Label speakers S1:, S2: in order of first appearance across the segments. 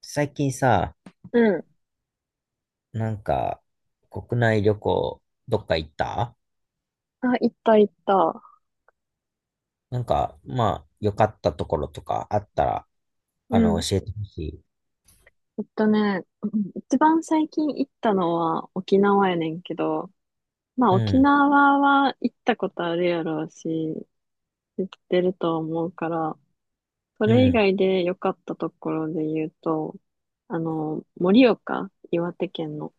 S1: 最近さ、
S2: うん。
S1: なんか、国内旅行、どっか行った？
S2: あ、行った行った。
S1: なんか、まあ、良かったところとかあったら、
S2: うん。
S1: 教えてほしい。
S2: 行ったね。うん、一番最近行ったのは沖縄やねんけど、まあ
S1: う
S2: 沖
S1: ん、
S2: 縄は行ったことあるやろうし、知ってると思うから、そ
S1: う
S2: れ以
S1: ん。
S2: 外で良かったところで言うと、あの、盛岡、岩手県の。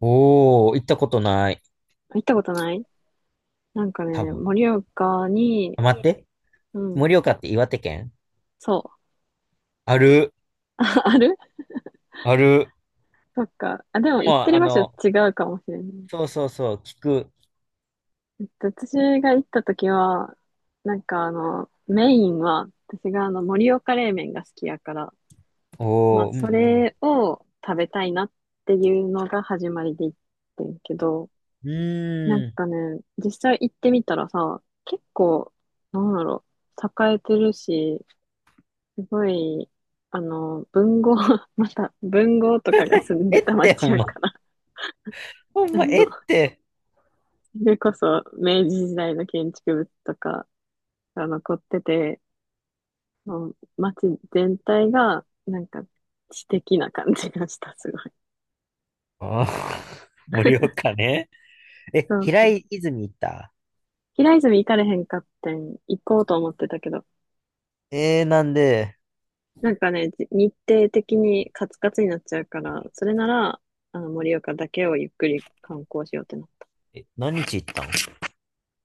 S1: おー、行ったことない。
S2: 行ったことない。なんか
S1: 多
S2: ね、
S1: 分。
S2: 盛岡に、
S1: あ、待って。
S2: うん、
S1: 盛岡って岩手県
S2: そ
S1: ある、
S2: う。ある。
S1: ある。
S2: そっか。あ、でも行っ
S1: も
S2: て
S1: う、
S2: る
S1: あ
S2: 場所
S1: の、
S2: 違うかもしれない。
S1: そうそうそう、聞く。
S2: 私が行った時は、なんかあの、メインは、私があの、盛岡冷麺が好きやから、まあ、
S1: おー、う
S2: そ
S1: ん、
S2: れを食べたいなっていうのが始まりで行ってんけど、
S1: うん。
S2: なん
S1: うーん。
S2: かね、実際行ってみたらさ、結構、なんだろう、栄えてるし、すごい、あの、文豪、また、文豪とかが住ん
S1: え
S2: で
S1: っ
S2: た
S1: て、ほ
S2: 町
S1: ん
S2: や
S1: ま、
S2: から、
S1: ほん
S2: あ
S1: ま、
S2: の、
S1: えっ
S2: そ
S1: て。
S2: れこそ明治時代の建築物とかが残ってて、もう街全体が、なんか、知的な感じがした、すごい。
S1: あー、盛岡ね。え、
S2: そう
S1: 平
S2: そう。
S1: 泉行った？
S2: 平泉行かれへんかってん、行こうと思ってたけど、
S1: えー、なんで？
S2: なんかね、日程的にカツカツになっちゃうから、それなら、あの、盛岡だけをゆっくり観光しようってな。
S1: え、何日行ったん？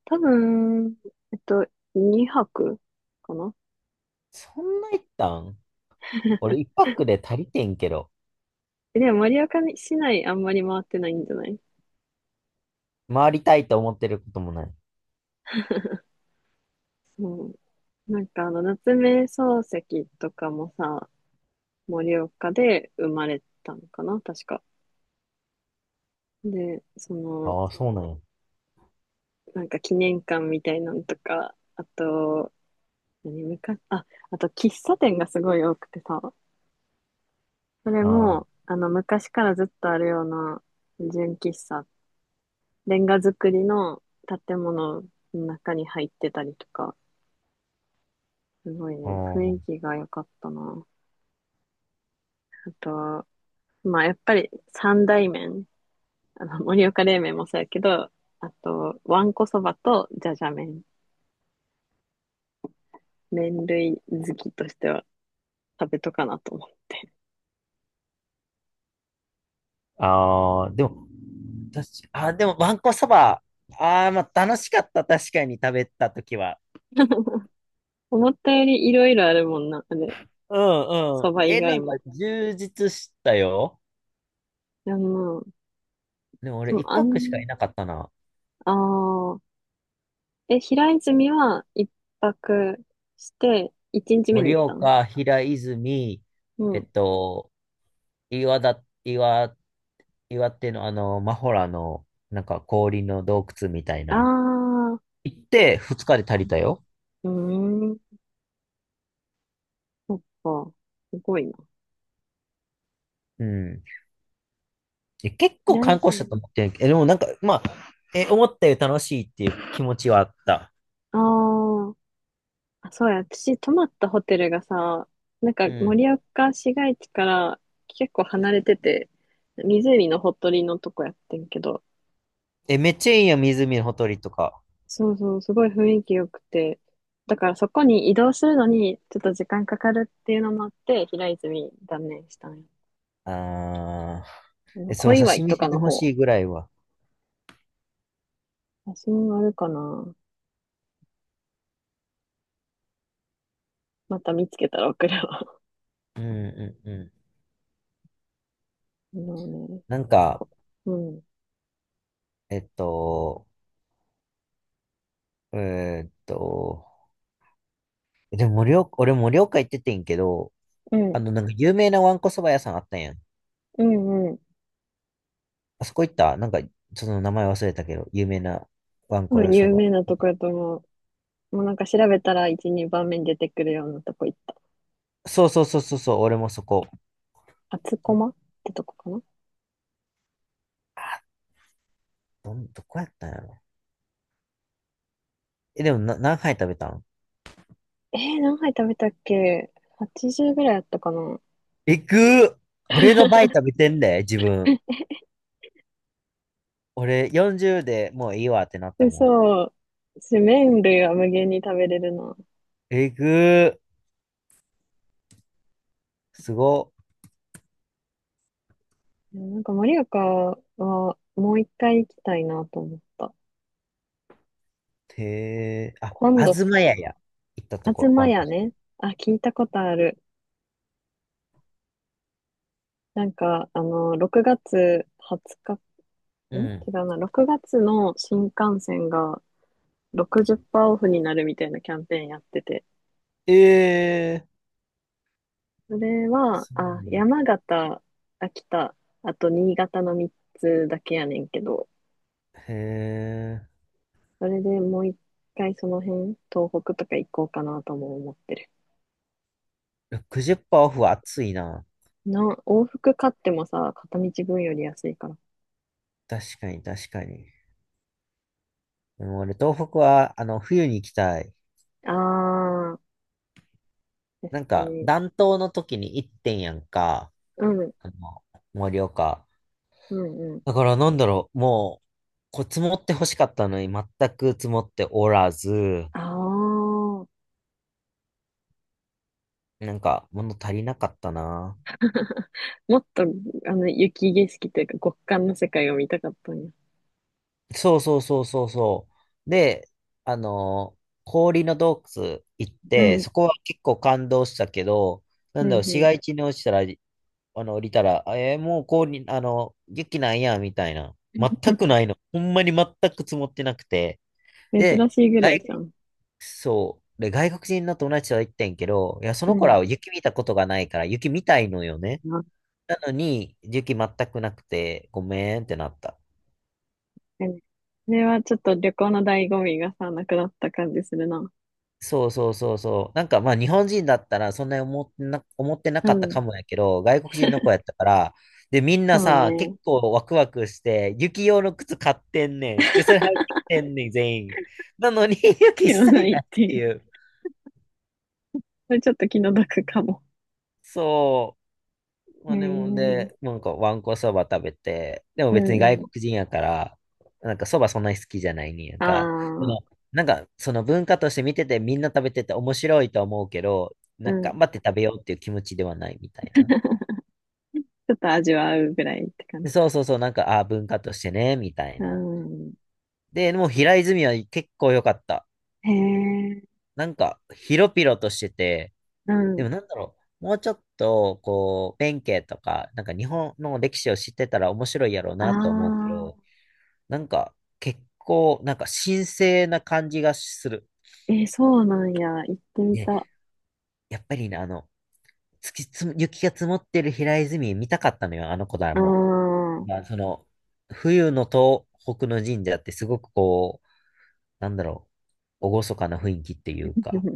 S2: 多分、えっと、2泊かな。
S1: そんな行ったん？俺一泊で足りてんけど、
S2: でも盛岡市内あんまり回ってないんじゃない。
S1: 回りたいと思ってることもない。
S2: そう。なんかあの、夏目漱石とかもさ、盛岡で生まれたのかな確か。で、その、
S1: ああ、そうなんや。
S2: なんか記念館みたいなのとか、あと、何、昔、あ、あと喫茶店がすごい多くてさ、それ
S1: あ
S2: も、あの、昔からずっとあるような純喫茶、レンガ造りの建物の中に入ってたりとか、すごいね、
S1: あ、
S2: 雰囲気が良かったな。あと、まあ、やっぱり三大麺、あの、盛岡冷麺もそうやけど、あと、わんこそばとじゃじゃ麺、麺類好きとしては、食べとかなと思って。
S1: ああー、でも、確かあ、でも、わんこそば、ああ、まあ、楽しかった、確かに食べたときは。
S2: 思ったよりいろいろあるもんな、あれ。
S1: うんうん。
S2: そば以
S1: え、な
S2: 外
S1: んか
S2: も。
S1: 充実したよ。
S2: いや、まあ、
S1: でも
S2: で
S1: 俺
S2: も、
S1: 一
S2: あ
S1: 泊しか
S2: ん、
S1: いなかったな。
S2: ああ、え、平泉は一泊して、一日目に
S1: 盛
S2: 行ったん。
S1: 岡、平泉、
S2: う
S1: えっ
S2: ん。
S1: と、岩だ、岩岩手のマホラの、なんか氷の洞窟みたい
S2: あ
S1: な。
S2: あ、う
S1: 行って二日で足りたよ。
S2: ーん、そっか。すごいな。
S1: うん。え、結構
S2: 平
S1: 観光したと
S2: 泉。
S1: 思ってんけど、え、でもなんか、まあ、え、思ったより楽しいっていう気持ちはあった。
S2: あーあ、そうや。私、泊まったホテルがさ、なんか
S1: うん。
S2: 盛岡市街地から結構離れてて、湖のほとりのとこやってんけど、
S1: え、めっちゃいいやん、湖のほとりとか。
S2: そうそう、すごい雰囲気良くて。だからそこに移動するのにちょっと時間かかるっていうのもあって、平泉断念したんよ。
S1: あー。
S2: あ
S1: え、
S2: の、
S1: そ
S2: 小
S1: の写
S2: 岩井
S1: 真
S2: と
S1: 見せ
S2: か
S1: て
S2: の
S1: ほ
S2: 方。
S1: しいぐらいは。
S2: 写真あるかな。また見つけたら送るわ。
S1: うんうんうん。
S2: あのね、
S1: なんか、
S2: こうん。
S1: えっと、えーっと、でも盛岡、俺盛岡行っててんけど、
S2: うん。
S1: なんか有名なわんこそば屋さんあったんやん。
S2: うんうん。
S1: あそこ行った、なんか、その名前忘れたけど、有名なワン
S2: 多
S1: コ
S2: 分
S1: 屋そ
S2: 有
S1: ば。
S2: 名なとこやと思う。もうなんか調べたら1、2番目に出てくるようなとこ行った。
S1: そうそうそうそうそう、俺もそこ。
S2: 厚駒ってとこかな。
S1: あ、どこやったんやろ。え、でもな、何杯食べたん？
S2: えー、何杯食べたっけ？ 80 ぐらいあったかな。
S1: えぐー。俺の倍食べてんで、自分。俺40でもういいわってなったも
S2: 嘘。麺類は無限に食べれるな。
S1: ん。えぐー、すごっ。
S2: いやなんか、盛岡はもう一回行きたいなと思った。
S1: へえ。あ、
S2: 今
S1: あ
S2: 度
S1: ず
S2: さ、
S1: まやや。行ったところ、
S2: 東
S1: ワンコ。
S2: 屋ね。あ、聞いたことある。なんか、あの、6月20日、ん
S1: う
S2: 違
S1: ん。
S2: うな、6月の新幹線が60%オフになるみたいなキャンペーンやってて。
S1: ええー。
S2: それは、
S1: そ
S2: あ、
S1: うや。
S2: 山形、秋田、あと新潟の3つだけやねんけど、
S1: へえ。
S2: それでもう一回その辺、東北とか行こうかなとも思ってる。
S1: 60%オフは熱いな。
S2: な、往復買ってもさ、片道分より安いから。
S1: 確かに、確かに。でも俺、東北は、冬に行きたい。
S2: ああ、確
S1: なん
S2: か
S1: か、
S2: に。
S1: 暖冬の時に行ってんやんか。
S2: うん、
S1: あの、盛岡。
S2: うん、うん。
S1: だから、なんだろう、もう、こう、積もって欲しかったのに、全く積もっておらず、
S2: ああ、
S1: なんか、物足りなかったな。
S2: もっと、あの、雪景色というか極寒の世界を見たかったんや。
S1: そうそうそうそうそう。で、あの、氷の洞窟行っ
S2: う
S1: て、
S2: ん、
S1: そこは結構感動したけど、な
S2: う
S1: んだろう、市
S2: ん、
S1: 街地に落ちたらあの、降りたら、あえー、もうこうに、雪なんや、みたいな。全くないの。ほんまに全く積もってなくて。
S2: うん。
S1: で、
S2: 珍しいぐらいじ
S1: 外、
S2: ゃん。
S1: そう。で、外国人の友達は言ってんけど、いや、そ
S2: う
S1: の子ら
S2: ん。
S1: は雪見たことがないから、雪見たいのよね。
S2: 確
S1: なのに、雪全くなくて、ごめんってなった。
S2: かに。それはちょっと旅行の醍醐味がさ、なくなった感じするな。
S1: そうそうそうそう。なんかまあ日本人だったらそんなに思ってな
S2: う
S1: かったか
S2: ん。
S1: もやけど、外国人の子やったから、で、みんな
S2: そう
S1: さ、結
S2: ね。
S1: 構ワクワクして、雪用の靴買ってんねん。で、それ履いてきてんねん、全員。なのに、雪一
S2: ではな
S1: 切な
S2: い
S1: いっ
S2: って
S1: て
S2: いう。
S1: いう。
S2: それちょっと気の毒かも。
S1: そう。
S2: え
S1: まあでも、
S2: ー、
S1: で、なんかわんこそば食べて、でも
S2: う
S1: 別
S2: ん
S1: に外
S2: うん。
S1: 国人やから、なんかそばそんなに好きじゃないねんやん
S2: あ
S1: か。その、
S2: あ、
S1: なんか、その文化として見ててみんな食べてて面白いと思うけど、
S2: う
S1: なんか
S2: ん。ち
S1: 頑張って食べようっていう気持ちではないみたいな。
S2: ょっと味わうぐらいって感
S1: で、
S2: じ
S1: そう
S2: か。
S1: そうそう、なんか、ああ、文化としてね、みたい
S2: う
S1: な。
S2: ん。
S1: で、でも平泉は結構良かった。
S2: へえ、
S1: なんか、広々としてて、
S2: う
S1: で
S2: ん。
S1: もなんだろう、もうちょっと、こう、弁慶とか、なんか日本の歴史を知ってたら面白いやろう
S2: あ
S1: なと思うけ
S2: あ、
S1: ど、なんか、結構、なんか神聖な感じがする。
S2: えー、そうなんや。行ってみ
S1: ね、
S2: た。あ
S1: やっぱりね、あの、月つむ、雪が積もってる平泉見たかったのよ、あの子だ
S2: あ、
S1: も、
S2: う
S1: まあ、その、冬の東北の神社ってすごくこう、なんだろう、厳かな雰囲気っていうか、
S2: ん。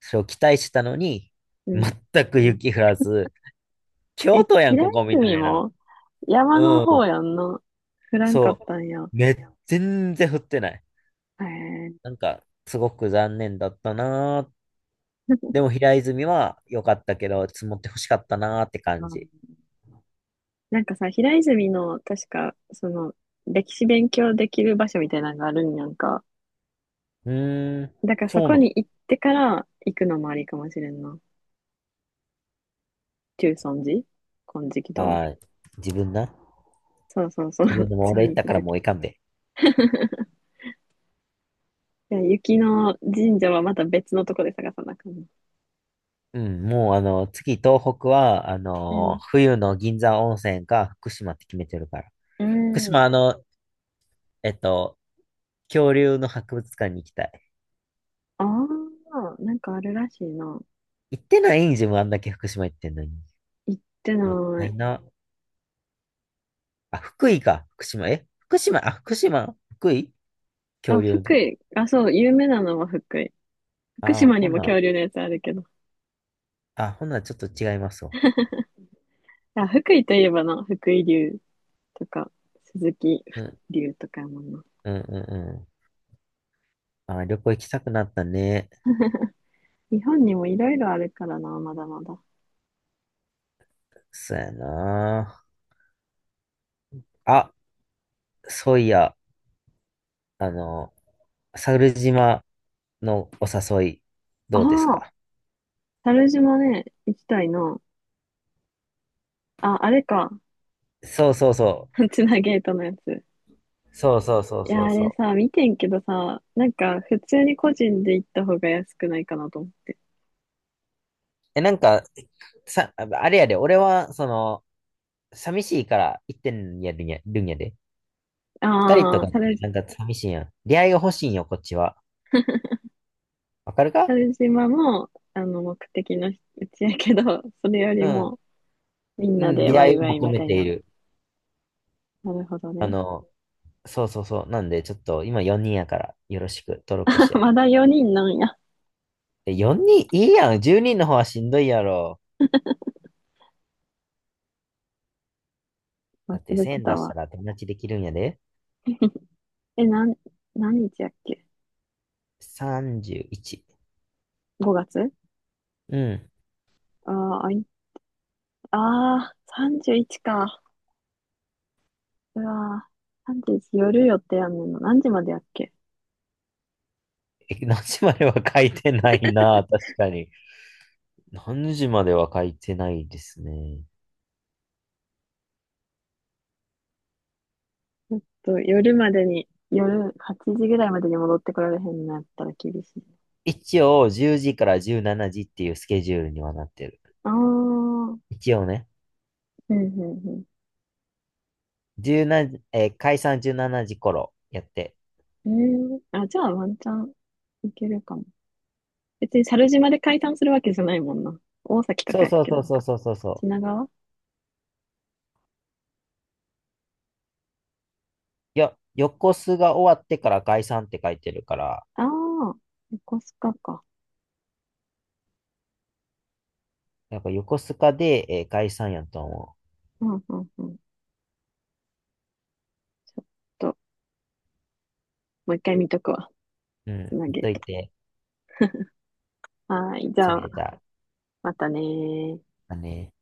S1: それを期待したのに、
S2: うん。
S1: 全く雪降らず、
S2: え、
S1: 京都やん、
S2: 平
S1: ここみ
S2: 泉
S1: たいな。
S2: も山の
S1: う
S2: 方
S1: ん、
S2: やんな。降らんかっ
S1: そ
S2: たんや。
S1: う。全然降ってない。
S2: へえ、
S1: なんか、すごく残念だったなー。でも平泉は良かったけど、積もって欲しかったなーって
S2: う
S1: 感
S2: ん。
S1: じ。
S2: なんかさ、平泉の、確か、その、歴史勉強できる場所みたいなのがあるんやんか。
S1: うーん、
S2: だから
S1: そ
S2: そ
S1: うな
S2: こ
S1: の。
S2: に行ってから行くのもありかもしれんな。中尊寺金色堂。
S1: はい。自分な。
S2: そうそうそう。
S1: 自分 でも俺
S2: 次
S1: 行っ
S2: 行
S1: た
S2: く
S1: から
S2: とき。
S1: も
S2: い
S1: ういかんで。
S2: や、雪の神社はまた別のとこで探さなあかんな。
S1: うん、もう次東北は、
S2: うん。
S1: 冬の銀山温泉か福島って決めてるから。
S2: う
S1: 福
S2: ん。
S1: 島えっと、恐竜の博物館に行きたい。
S2: ああ、なんかあるらしいな。
S1: 行ってないん自分あんだけ福島行ってんのに。
S2: 行ってな
S1: もった
S2: い。
S1: いな。あ、福井か。福島。え、福島、あ、福島、福井
S2: あ、
S1: 恐竜の。
S2: 福井。あ、そう、有名なのは福井。福
S1: あ、
S2: 島に
S1: ほ
S2: も恐
S1: な、
S2: 竜のやつあるけど。
S1: あ、ほな、ちょっと違いますわ。
S2: あ、福井といえばな、福井竜とか、鈴木
S1: うん
S2: 竜とかやもんな。
S1: うんうんうん。あ、旅行行きたくなったね。
S2: 日本にもいろいろあるからな、まだまだ。
S1: そうやな。あ、そういや、あの、猿島のお誘い、
S2: あ
S1: どうです
S2: あ、
S1: か？
S2: 猿島ね、行きたいな。あ、あれか。
S1: そうそうそ
S2: つなゲートのやつ。
S1: う。そうそうそう
S2: いや、
S1: そう
S2: あ
S1: そ
S2: れ
S1: う。
S2: さ、見てんけどさ、なんか、普通に個人で行った方が安くないかなと思って。
S1: え、なんか、さ、あれやで、俺は、その、寂しいから行ってんやるんや、るんやで。二人と
S2: ああ、
S1: かって
S2: 猿、
S1: なんか寂しいやん。出会いが欲しいんよ、こっちは。わかるか？
S2: 猿島も、あの、目的のうちやけど、それより
S1: うん。
S2: も、みん
S1: う
S2: な
S1: ん、
S2: で
S1: 出
S2: ワ
S1: 会
S2: イ
S1: いを
S2: ワイ
S1: 求
S2: み
S1: め
S2: たい
S1: てい
S2: な。
S1: る。
S2: なるほど
S1: あ
S2: ね。
S1: の、そうそうそう。なんで、ちょっと今4人やから、よろしく、登録し や。
S2: まだ4人なんや。
S1: え、4人いいやん。10人の方はしんどいやろ。
S2: 忘
S1: だって
S2: れて
S1: 1000
S2: た
S1: 出し
S2: わ。
S1: たら友達できるんやで。
S2: え、なん、何日やっけ？
S1: 31。
S2: 5 月。
S1: うん。
S2: ああ、あい、ああ、31か。うわあ、31夜予定やんねんの。何時までやっけ。
S1: え、何時までは書いてないな。確かに。何時までは書いてないですね。
S2: ちょっと夜までに、夜8時ぐらいまでに戻ってこられへんなったら厳しい。
S1: 一応、10時から17時っていうスケジュールにはなってる。
S2: ああ、うん
S1: 一応ね。
S2: うん
S1: 17、解散17時頃やって。
S2: うん。ええ、あ、じゃあワンチャンいけるかも。別に猿島で解散するわけじゃないもんな。大崎と
S1: そ
S2: か
S1: う
S2: やっ
S1: そう
S2: け、
S1: そ
S2: な
S1: う
S2: ん
S1: そう
S2: か。
S1: そうそうそう。
S2: 品川。
S1: いや、横須賀終わってから解散って書いてるから、
S2: ああー、横須賀か。
S1: なんか横須賀で、解散やと思う。
S2: うんうんうん。ちょっと、もう一回見とくわ。
S1: う
S2: つ
S1: ん、
S2: な
S1: ほっ
S2: げる
S1: とい
S2: と。
S1: て、
S2: はーい、じ
S1: そ
S2: ゃ
S1: れ
S2: あ、
S1: じゃあ、
S2: またねー。
S1: あね。